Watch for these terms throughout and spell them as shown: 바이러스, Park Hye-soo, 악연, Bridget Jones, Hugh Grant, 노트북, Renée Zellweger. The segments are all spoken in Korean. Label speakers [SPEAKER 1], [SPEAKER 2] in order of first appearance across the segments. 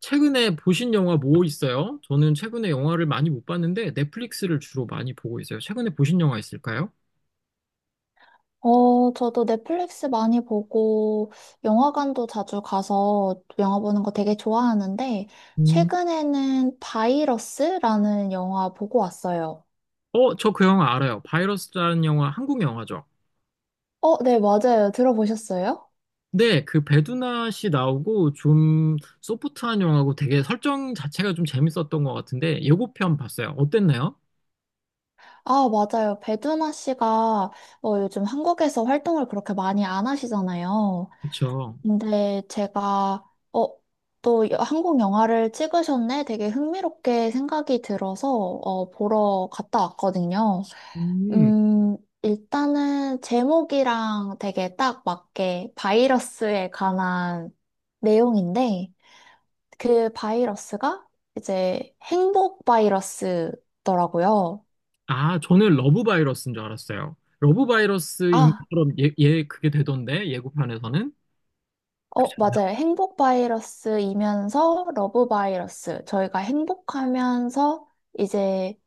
[SPEAKER 1] 최근에 보신 영화 뭐 있어요? 저는 최근에 영화를 많이 못 봤는데 넷플릭스를 주로 많이 보고 있어요. 최근에 보신 영화 있을까요?
[SPEAKER 2] 저도 넷플릭스 많이 보고 영화관도 자주 가서 영화 보는 거 되게 좋아하는데,
[SPEAKER 1] 음,
[SPEAKER 2] 최근에는 바이러스라는 영화 보고 왔어요.
[SPEAKER 1] 저 그 영화 알아요. 바이러스라는 영화, 한국 영화죠.
[SPEAKER 2] 네, 맞아요. 들어보셨어요?
[SPEAKER 1] 네, 그 배두나 씨 나오고 좀 소프트한 영화고 되게 설정 자체가 좀 재밌었던 것 같은데 예고편 봤어요. 어땠나요?
[SPEAKER 2] 아, 맞아요. 배두나 씨가 요즘 한국에서 활동을 그렇게 많이 안 하시잖아요.
[SPEAKER 1] 그쵸.
[SPEAKER 2] 근데 제가 어, 또 한국 영화를 찍으셨네? 되게 흥미롭게 생각이 들어서, 보러 갔다 왔거든요.
[SPEAKER 1] 음,
[SPEAKER 2] 일단은 제목이랑 되게 딱 맞게 바이러스에 관한 내용인데, 그 바이러스가 이제 행복 바이러스더라고요.
[SPEAKER 1] 아, 저는 러브 바이러스인 줄 알았어요. 러브 바이러스인
[SPEAKER 2] 아,
[SPEAKER 1] 것처럼 예, 예, 그게 되던데 예고편에서는.
[SPEAKER 2] 맞아요. 행복 바이러스이면서 러브 바이러스. 저희가 행복하면서 이제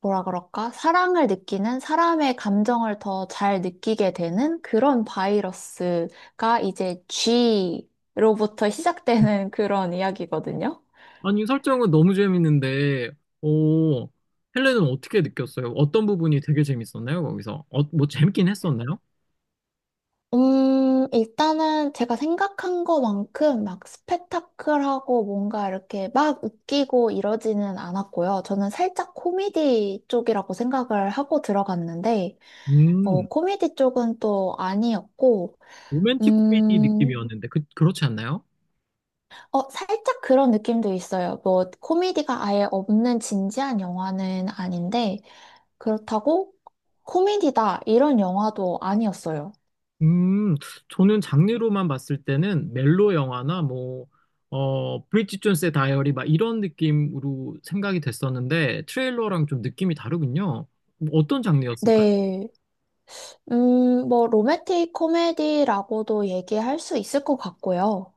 [SPEAKER 2] 뭐라 그럴까? 사랑을 느끼는 사람의 감정을 더 잘 느끼게 되는 그런 바이러스가 이제 G로부터 시작되는 그런 이야기거든요.
[SPEAKER 1] 아니, 설정은 너무 재밌는데, 오, 헬레는 어떻게 느꼈어요? 어떤 부분이 되게 재밌었나요, 거기서? 뭐 재밌긴 했었나요?
[SPEAKER 2] 일단은 제가 생각한 것만큼 막 스펙타클하고 뭔가 이렇게 막 웃기고 이러지는 않았고요. 저는 살짝 코미디 쪽이라고 생각을 하고 들어갔는데,
[SPEAKER 1] 음,
[SPEAKER 2] 코미디 쪽은 또 아니었고,
[SPEAKER 1] 로맨틱 코미디
[SPEAKER 2] 음,
[SPEAKER 1] 느낌이었는데, 그, 그렇지 않나요?
[SPEAKER 2] 살짝 그런 느낌도 있어요. 뭐, 코미디가 아예 없는 진지한 영화는 아닌데, 그렇다고 코미디다, 이런 영화도 아니었어요.
[SPEAKER 1] 음, 저는 장르로만 봤을 때는 멜로 영화나 뭐, 브리짓 존스의 다이어리 막 이런 느낌으로 생각이 됐었는데, 트레일러랑 좀 느낌이 다르군요. 뭐 어떤 장르였을까요?
[SPEAKER 2] 네. 뭐, 로맨틱 코미디라고도 얘기할 수 있을 것 같고요.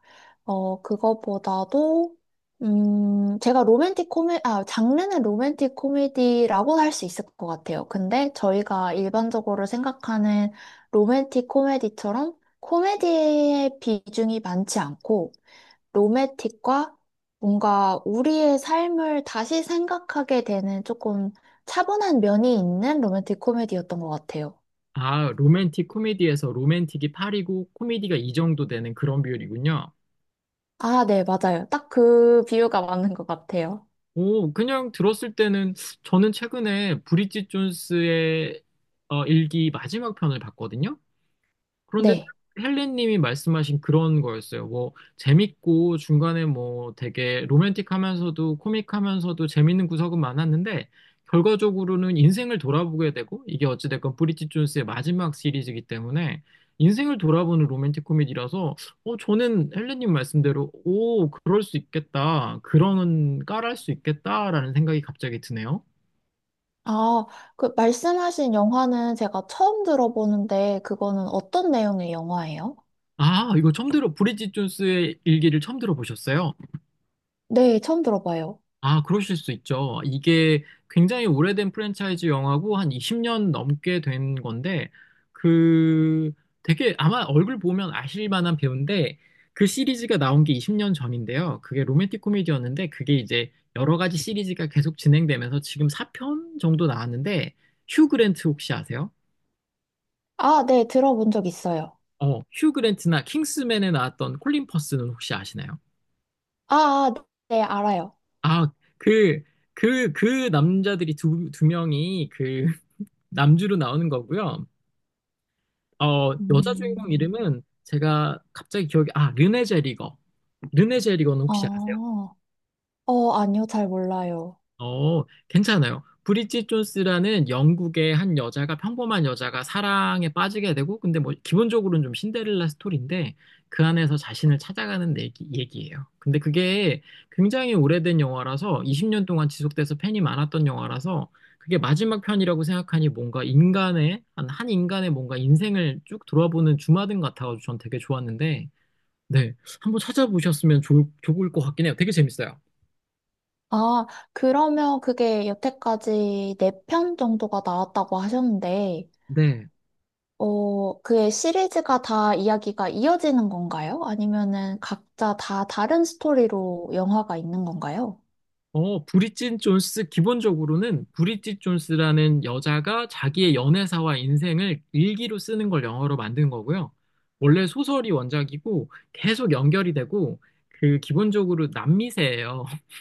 [SPEAKER 2] 그거보다도, 제가 장르는 로맨틱 코미디라고 할 수 있을 것 같아요. 근데 저희가 일반적으로 생각하는 로맨틱 코미디처럼 코미디의 비중이 많지 않고, 로맨틱과 뭔가 우리의 삶을 다시 생각하게 되는 조금 차분한 면이 있는 로맨틱 코미디였던 것 같아요.
[SPEAKER 1] 아, 로맨틱 코미디에서 로맨틱이 8이고 코미디가 이 정도 되는 그런 비율이군요.
[SPEAKER 2] 아, 네, 맞아요. 딱 그 비유가 맞는 것 같아요.
[SPEAKER 1] 오, 그냥 들었을 때는 저는 최근에 브리짓 존스의 일기 마지막 편을 봤거든요. 그런데
[SPEAKER 2] 네.
[SPEAKER 1] 헬렌님이 말씀하신 그런 거였어요. 뭐 재밌고 중간에 뭐 되게 로맨틱하면서도 코믹하면서도 재밌는 구석은 많았는데 결과적으로는 인생을 돌아보게 되고, 이게 어찌됐건 브리짓 존스의 마지막 시리즈이기 때문에 인생을 돌아보는 로맨틱 코미디라서 저는 헬렌님 말씀대로 오 그럴 수 있겠다 그런 깔할 수 있겠다라는 생각이 갑자기 드네요.
[SPEAKER 2] 아, 그 말씀하신 영화는 제가 처음 들어보는데, 그거는 어떤 내용의 영화예요?
[SPEAKER 1] 아 이거 처음 들어 브리짓 존스의 일기를 처음 들어보셨어요?
[SPEAKER 2] 네, 처음 들어봐요.
[SPEAKER 1] 아, 그러실 수 있죠. 이게 굉장히 오래된 프랜차이즈 영화고 한 20년 넘게 된 건데 그 되게 아마 얼굴 보면 아실 만한 배우인데 그 시리즈가 나온 게 20년 전인데요. 그게 로맨틱 코미디였는데 그게 이제 여러 가지 시리즈가 계속 진행되면서 지금 4편 정도 나왔는데 휴 그랜트 혹시 아세요?
[SPEAKER 2] 아, 네, 들어본 적 있어요.
[SPEAKER 1] 휴 그랜트나 킹스맨에 나왔던 콜린 퍼스는 혹시 아시나요?
[SPEAKER 2] 아, 아, 네, 알아요.
[SPEAKER 1] 아, 그, 그, 그 남자들이 두, 두 명이 그 남주로 나오는 거고요. 어, 여자 주인공
[SPEAKER 2] 음.
[SPEAKER 1] 이름은 제가 갑자기 기억이, 아, 르네 제리거. 르네 제리거는 혹시 아세요?
[SPEAKER 2] 아, 아니요, 잘 몰라요.
[SPEAKER 1] 괜찮아요. 브리짓 존스라는 영국의 한 여자가 평범한 여자가 사랑에 빠지게 되고 근데 뭐 기본적으로는 좀 신데렐라 스토리인데 그 안에서 자신을 찾아가는 얘기예요. 근데 그게 굉장히 오래된 영화라서 20년 동안 지속돼서 팬이 많았던 영화라서 그게 마지막 편이라고 생각하니 뭔가 인간의 한 인간의 뭔가 인생을 쭉 돌아보는 주마등 같아가지고 전 되게 좋았는데 네, 한번 찾아보셨으면 좋을 것 같긴 해요. 되게 재밌어요.
[SPEAKER 2] 아, 그러면 그게 여태까지 네 편 정도가 나왔다고 하셨는데, 그의 시리즈가 다 이야기가 이어지는 건가요? 아니면은 각자 다 다른 스토리로 영화가 있는 건가요?
[SPEAKER 1] 브리짓 존스, 기본적으로는 브리짓 존스라는 여자가 자기의 연애사와 인생을 일기로 쓰는 걸 영어로 만든 거고요. 원래 소설이 원작이고 계속 연결이 되고 그 기본적으로 남미세예요.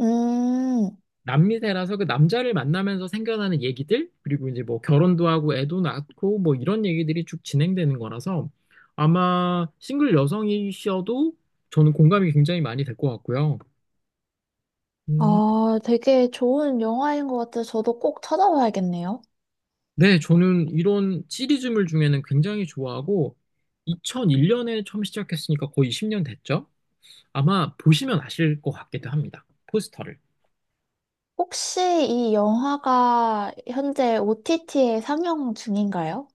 [SPEAKER 2] 음,
[SPEAKER 1] 남미세라서 그 남자를 만나면서 생겨나는 얘기들, 그리고 이제 뭐 결혼도 하고 애도 낳고 뭐 이런 얘기들이 쭉 진행되는 거라서 아마 싱글 여성이셔도 저는 공감이 굉장히 많이 될 것 같고요. 음,
[SPEAKER 2] 되게 좋은 영화인 것 같아요. 저도 꼭 찾아봐야겠네요.
[SPEAKER 1] 네, 저는 이런 시리즈물 중에는 굉장히 좋아하고 2001년에 처음 시작했으니까 거의 10년 됐죠? 아마 보시면 아실 것 같기도 합니다. 포스터를.
[SPEAKER 2] 혹시 이 영화가 현재 OTT에 상영 중인가요?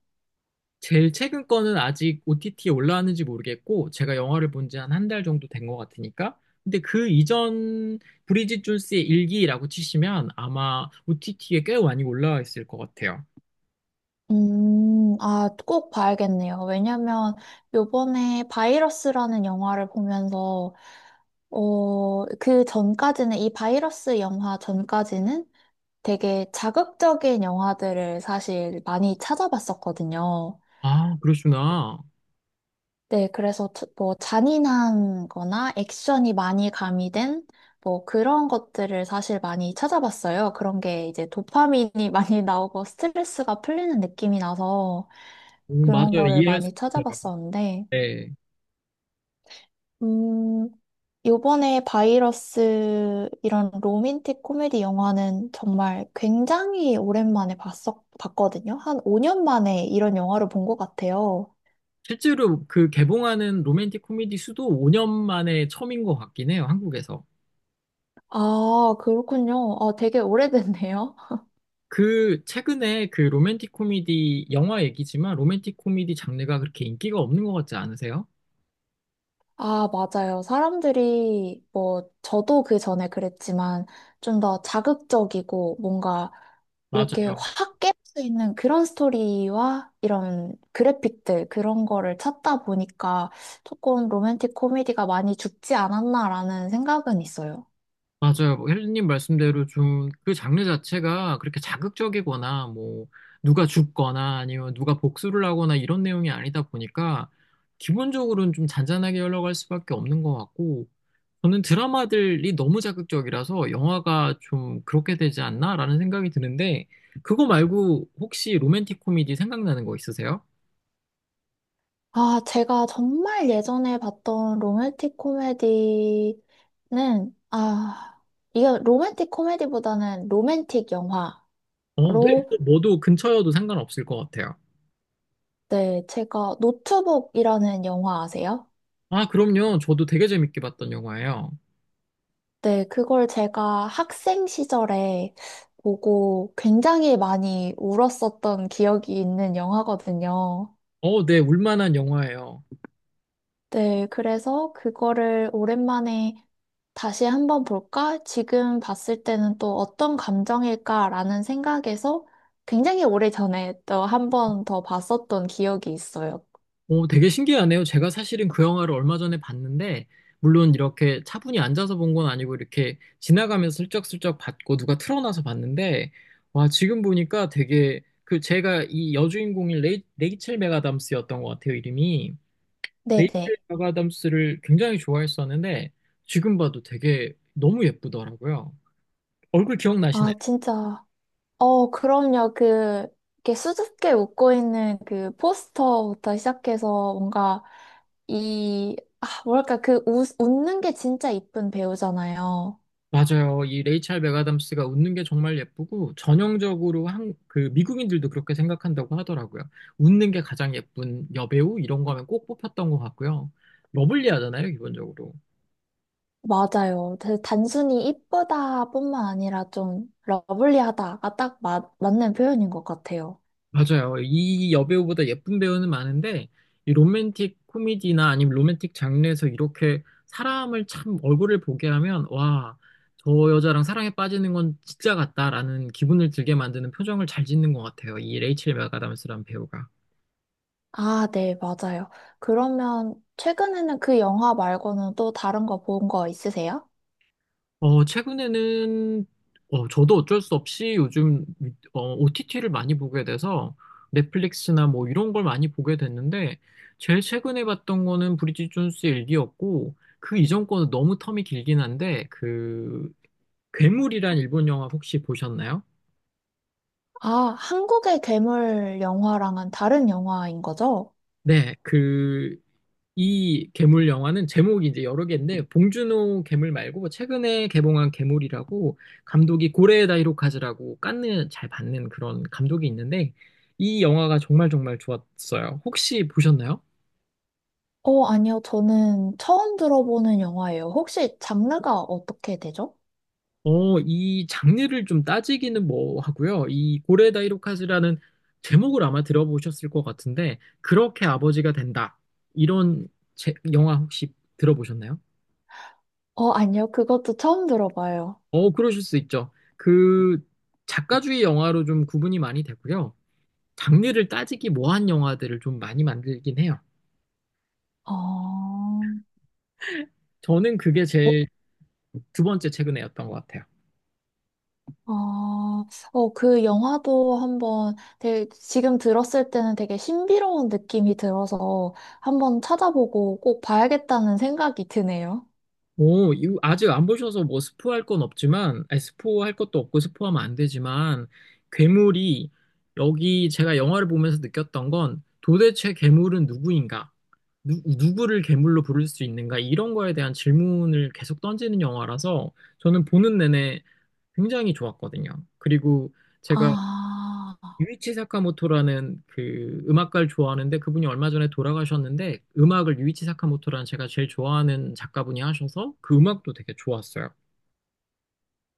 [SPEAKER 1] 제일 최근 거는 아직 OTT에 올라왔는지 모르겠고 제가 영화를 본지 한 한 달 정도 된 것 같으니까 근데 그 이전 브리짓 존스의 일기라고 치시면 아마 OTT에 꽤 많이 올라와 있을 것 같아요.
[SPEAKER 2] 꼭 봐야겠네요. 왜냐면 요번에 바이러스라는 영화를 보면서, 그 전까지는, 이 바이러스 영화 전까지는 되게 자극적인 영화들을 사실 많이 찾아봤었거든요.
[SPEAKER 1] 아, 그러시구나.
[SPEAKER 2] 네, 그래서 뭐 잔인한 거나 액션이 많이 가미된 뭐 그런 것들을 사실 많이 찾아봤어요. 그런 게 이제 도파민이 많이 나오고 스트레스가 풀리는 느낌이 나서
[SPEAKER 1] 오,
[SPEAKER 2] 그런
[SPEAKER 1] 맞아요.
[SPEAKER 2] 거를
[SPEAKER 1] 이해할 수
[SPEAKER 2] 많이
[SPEAKER 1] 있어요.
[SPEAKER 2] 찾아봤었는데,
[SPEAKER 1] 네.
[SPEAKER 2] 음, 요번에 바이러스 이런 로맨틱 코미디 영화는 정말 굉장히 오랜만에 봤거든요. 한 5년 만에 이런 영화를 본 것 같아요.
[SPEAKER 1] 실제로 그 개봉하는 로맨틱 코미디 수도 5년 만에 처음인 것 같긴 해요, 한국에서.
[SPEAKER 2] 아, 그렇군요. 아, 되게 오래됐네요.
[SPEAKER 1] 그, 최근에 그 로맨틱 코미디, 영화 얘기지만 로맨틱 코미디 장르가 그렇게 인기가 없는 것 같지 않으세요?
[SPEAKER 2] 아, 맞아요. 사람들이, 뭐, 저도 그 전에 그랬지만, 좀 더 자극적이고, 뭔가, 이렇게
[SPEAKER 1] 맞아요.
[SPEAKER 2] 확 깰 수 있는 그런 스토리와 이런 그래픽들, 그런 거를 찾다 보니까, 조금 로맨틱 코미디가 많이 죽지 않았나라는 생각은 있어요.
[SPEAKER 1] 맞아요. 뭐 혜진님 말씀대로 좀 그 장르 자체가 그렇게 자극적이거나 뭐 누가 죽거나 아니면 누가 복수를 하거나 이런 내용이 아니다 보니까 기본적으로는 좀 잔잔하게 흘러갈 수밖에 없는 것 같고 저는 드라마들이 너무 자극적이라서 영화가 좀 그렇게 되지 않나라는 생각이 드는데, 그거 말고 혹시 로맨틱 코미디 생각나는 거 있으세요?
[SPEAKER 2] 아, 제가 정말 예전에 봤던 로맨틱 코미디는, 아, 이게 로맨틱 코미디보다는 로맨틱 영화로.
[SPEAKER 1] 어, 네. 네. 뭐도 근처여도 상관없을 것 같아요.
[SPEAKER 2] 네, 제가 노트북이라는 영화 아세요?
[SPEAKER 1] 아, 그럼요. 저도 되게 재밌게 봤던 영화예요.
[SPEAKER 2] 네, 그걸 제가 학생 시절에 보고 굉장히 많이 울었었던 기억이 있는 영화거든요.
[SPEAKER 1] 어, 네. 울만한 영화예요.
[SPEAKER 2] 네, 그래서 그거를 오랜만에 다시 한번 볼까? 지금 봤을 때는 또 어떤 감정일까라는 생각에서 굉장히 오래전에 또 한 번 더 봤었던 기억이 있어요.
[SPEAKER 1] 오, 되게 신기하네요. 제가 사실은 그 영화를 얼마 전에 봤는데, 물론 이렇게 차분히 앉아서 본 건 아니고, 이렇게 지나가면서 슬쩍슬쩍 봤고, 누가 틀어놔서 봤는데, 와, 지금 보니까 되게, 그 제가 이 여주인공인 레이첼 맥아담스였던 것 같아요, 이름이. 레이첼
[SPEAKER 2] 네네.
[SPEAKER 1] 맥아담스를 굉장히 좋아했었는데, 지금 봐도 되게 너무 예쁘더라고요. 얼굴 기억나시나요?
[SPEAKER 2] 아, 진짜. 그럼요. 그, 이렇게 수줍게 웃고 있는 그 포스터부터 시작해서 뭔가 이, 아, 뭐랄까, 그 웃는 게 진짜 이쁜 배우잖아요.
[SPEAKER 1] 맞아요. 이 레이첼 맥아담스가 웃는 게 정말 예쁘고 전형적으로 한 그 미국인들도 그렇게 생각한다고 하더라고요. 웃는 게 가장 예쁜 여배우 이런 거면 꼭 뽑혔던 것 같고요. 러블리하잖아요, 기본적으로.
[SPEAKER 2] 맞아요. 그 단순히 이쁘다뿐만 아니라 좀 러블리하다가 딱 맞는 표현인 것 같아요.
[SPEAKER 1] 맞아요. 이 여배우보다 예쁜 배우는 많은데 이 로맨틱 코미디나 아니면 로맨틱 장르에서 이렇게 사람을 참 얼굴을 보게 하면 와, 저 여자랑 사랑에 빠지는 건 진짜 같다라는 기분을 들게 만드는 표정을 잘 짓는 것 같아요. 이 레이첼 맥아담스라는 배우가.
[SPEAKER 2] 아, 네, 맞아요. 그러면 최근에는 그 영화 말고는 또 다른 거 본 거 있으세요?
[SPEAKER 1] 최근에는, 저도 어쩔 수 없이 요즘, OTT를 많이 보게 돼서 넷플릭스나 뭐 이런 걸 많이 보게 됐는데, 제일 최근에 봤던 거는 브리짓 존스의 일기였고, 그 이전 거는 너무 텀이 길긴 한데, 그, 괴물이란 일본 영화 혹시 보셨나요?
[SPEAKER 2] 아, 한국의 괴물 영화랑은 다른 영화인 거죠?
[SPEAKER 1] 네, 그, 이 괴물 영화는 제목이 이제 여러 개인데 봉준호 괴물 말고 뭐 최근에 개봉한 괴물이라고 감독이 고레에다 히로카즈라고 깐느 잘 받는 그런 감독이 있는데 이 영화가 정말 정말 좋았어요. 혹시 보셨나요?
[SPEAKER 2] 아니요. 저는 처음 들어보는 영화예요. 혹시 장르가 어떻게 되죠?
[SPEAKER 1] 이 장르를 좀 따지기는 뭐 하고요. 이 고레에다 히로카즈라는 제목을 아마 들어보셨을 것 같은데 그렇게 아버지가 된다. 이런 영화 혹시 들어보셨나요?
[SPEAKER 2] 아니요. 그것도 처음 들어봐요.
[SPEAKER 1] 어, 그러실 수 있죠. 그 작가주의 영화로 좀 구분이 많이 되고요. 장르를 따지기 뭐한 영화들을 좀 많이 만들긴 해요.
[SPEAKER 2] 어,
[SPEAKER 1] 저는 그게
[SPEAKER 2] 어,
[SPEAKER 1] 제일 두 번째 최근에였던 것 같아요.
[SPEAKER 2] 아, 그 영화도 한번 되게 지금 들었을 때는 되게 신비로운 느낌이 들어서 한번 찾아보고 꼭 봐야겠다는 생각이 드네요.
[SPEAKER 1] 오, 이거 아직 안 보셔서 뭐 스포할 건 없지만, 아니, 스포할 것도 없고 스포하면 안 되지만, 괴물이 여기 제가 영화를 보면서 느꼈던 건 도대체 괴물은 누구인가? 누구를 괴물로 부를 수 있는가? 이런 거에 대한 질문을 계속 던지는 영화라서 저는 보는 내내 굉장히 좋았거든요. 그리고 제가
[SPEAKER 2] 아,
[SPEAKER 1] 유이치 사카모토라는 그 음악가를 좋아하는데 그분이 얼마 전에 돌아가셨는데 음악을 유이치 사카모토라는 제가 제일 좋아하는 작가분이 하셔서 그 음악도 되게 좋았어요.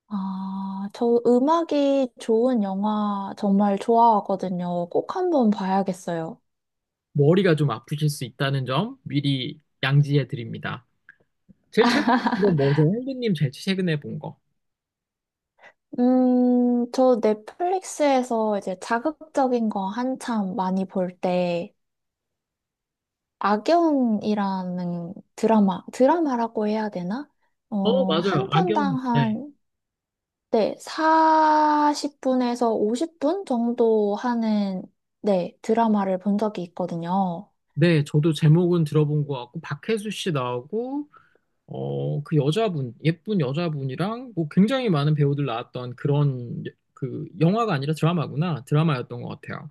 [SPEAKER 2] 저 음악이 좋은 영화 정말 좋아하거든요. 꼭 한번 봐야겠어요.
[SPEAKER 1] 머리가 좀 아프실 수 있다는 점 미리 양지해 드립니다. 제일 최근에 본건 뭐죠? 형님 제일 최근에 본 거.
[SPEAKER 2] 저 넷플릭스에서 이제 자극적인 거 한참 많이 볼 때, 악연이라는 드라마, 드라마라고 해야 되나?
[SPEAKER 1] 어, 맞아요.
[SPEAKER 2] 한
[SPEAKER 1] 악연.
[SPEAKER 2] 편당
[SPEAKER 1] 네.
[SPEAKER 2] 한, 네, 40분에서 50분 정도 하는, 네, 드라마를 본 적이 있거든요.
[SPEAKER 1] 네, 저도 제목은 들어본 것 같고 박혜수 씨 나오고 그 여자분, 예쁜 여자분이랑 뭐 굉장히 많은 배우들 나왔던 그런 그 영화가 아니라 드라마구나. 드라마였던 것 같아요.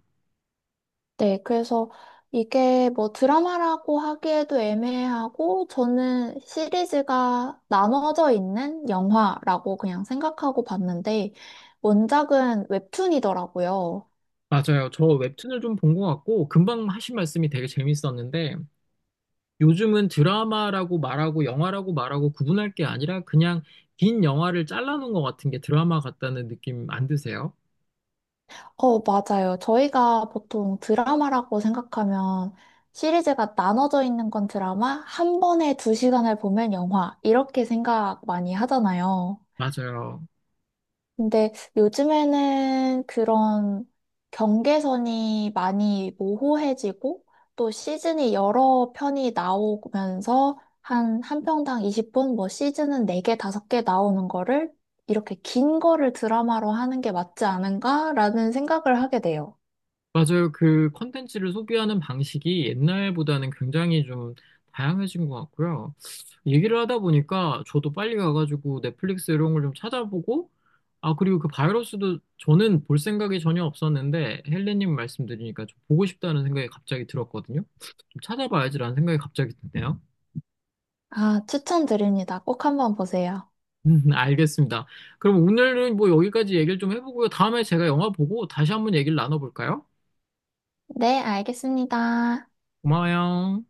[SPEAKER 2] 네, 그래서 이게 뭐 드라마라고 하기에도 애매하고, 저는 시리즈가 나눠져 있는 영화라고 그냥 생각하고 봤는데 원작은 웹툰이더라고요.
[SPEAKER 1] 맞아요. 저 웹툰을 좀 본 것 같고 금방 하신 말씀이 되게 재밌었는데 요즘은 드라마라고 말하고 영화라고 말하고 구분할 게 아니라 그냥 긴 영화를 잘라놓은 것 같은 게 드라마 같다는 느낌 안 드세요?
[SPEAKER 2] 맞아요. 저희가 보통 드라마라고 생각하면 시리즈가 나눠져 있는 건 드라마, 한 번에 두 시간을 보면 영화, 이렇게 생각 많이 하잖아요.
[SPEAKER 1] 맞아요.
[SPEAKER 2] 근데 요즘에는 그런 경계선이 많이 모호해지고 또 시즌이 여러 편이 나오면서 한 편당 20분, 뭐 시즌은 4개, 5개 나오는 거를 이렇게 긴 거를 드라마로 하는 게 맞지 않은가라는 생각을 하게 돼요.
[SPEAKER 1] 맞아요. 그 컨텐츠를 소비하는 방식이 옛날보다는 굉장히 좀 다양해진 것 같고요. 얘기를 하다 보니까 저도 빨리 가가지고 넷플릭스 이런 걸 좀 찾아보고, 아, 그리고 그 바이러스도 저는 볼 생각이 전혀 없었는데, 헬레님 말씀 드리니까 좀 보고 싶다는 생각이 갑자기 들었거든요. 좀 찾아봐야지라는 생각이 갑자기 드네요.
[SPEAKER 2] 아, 추천드립니다. 꼭 한번 보세요.
[SPEAKER 1] 알겠습니다. 그럼 오늘은 뭐 여기까지 얘기를 좀 해보고요. 다음에 제가 영화 보고 다시 한번 얘기를 나눠볼까요?
[SPEAKER 2] 네, 알겠습니다.
[SPEAKER 1] 고마워요.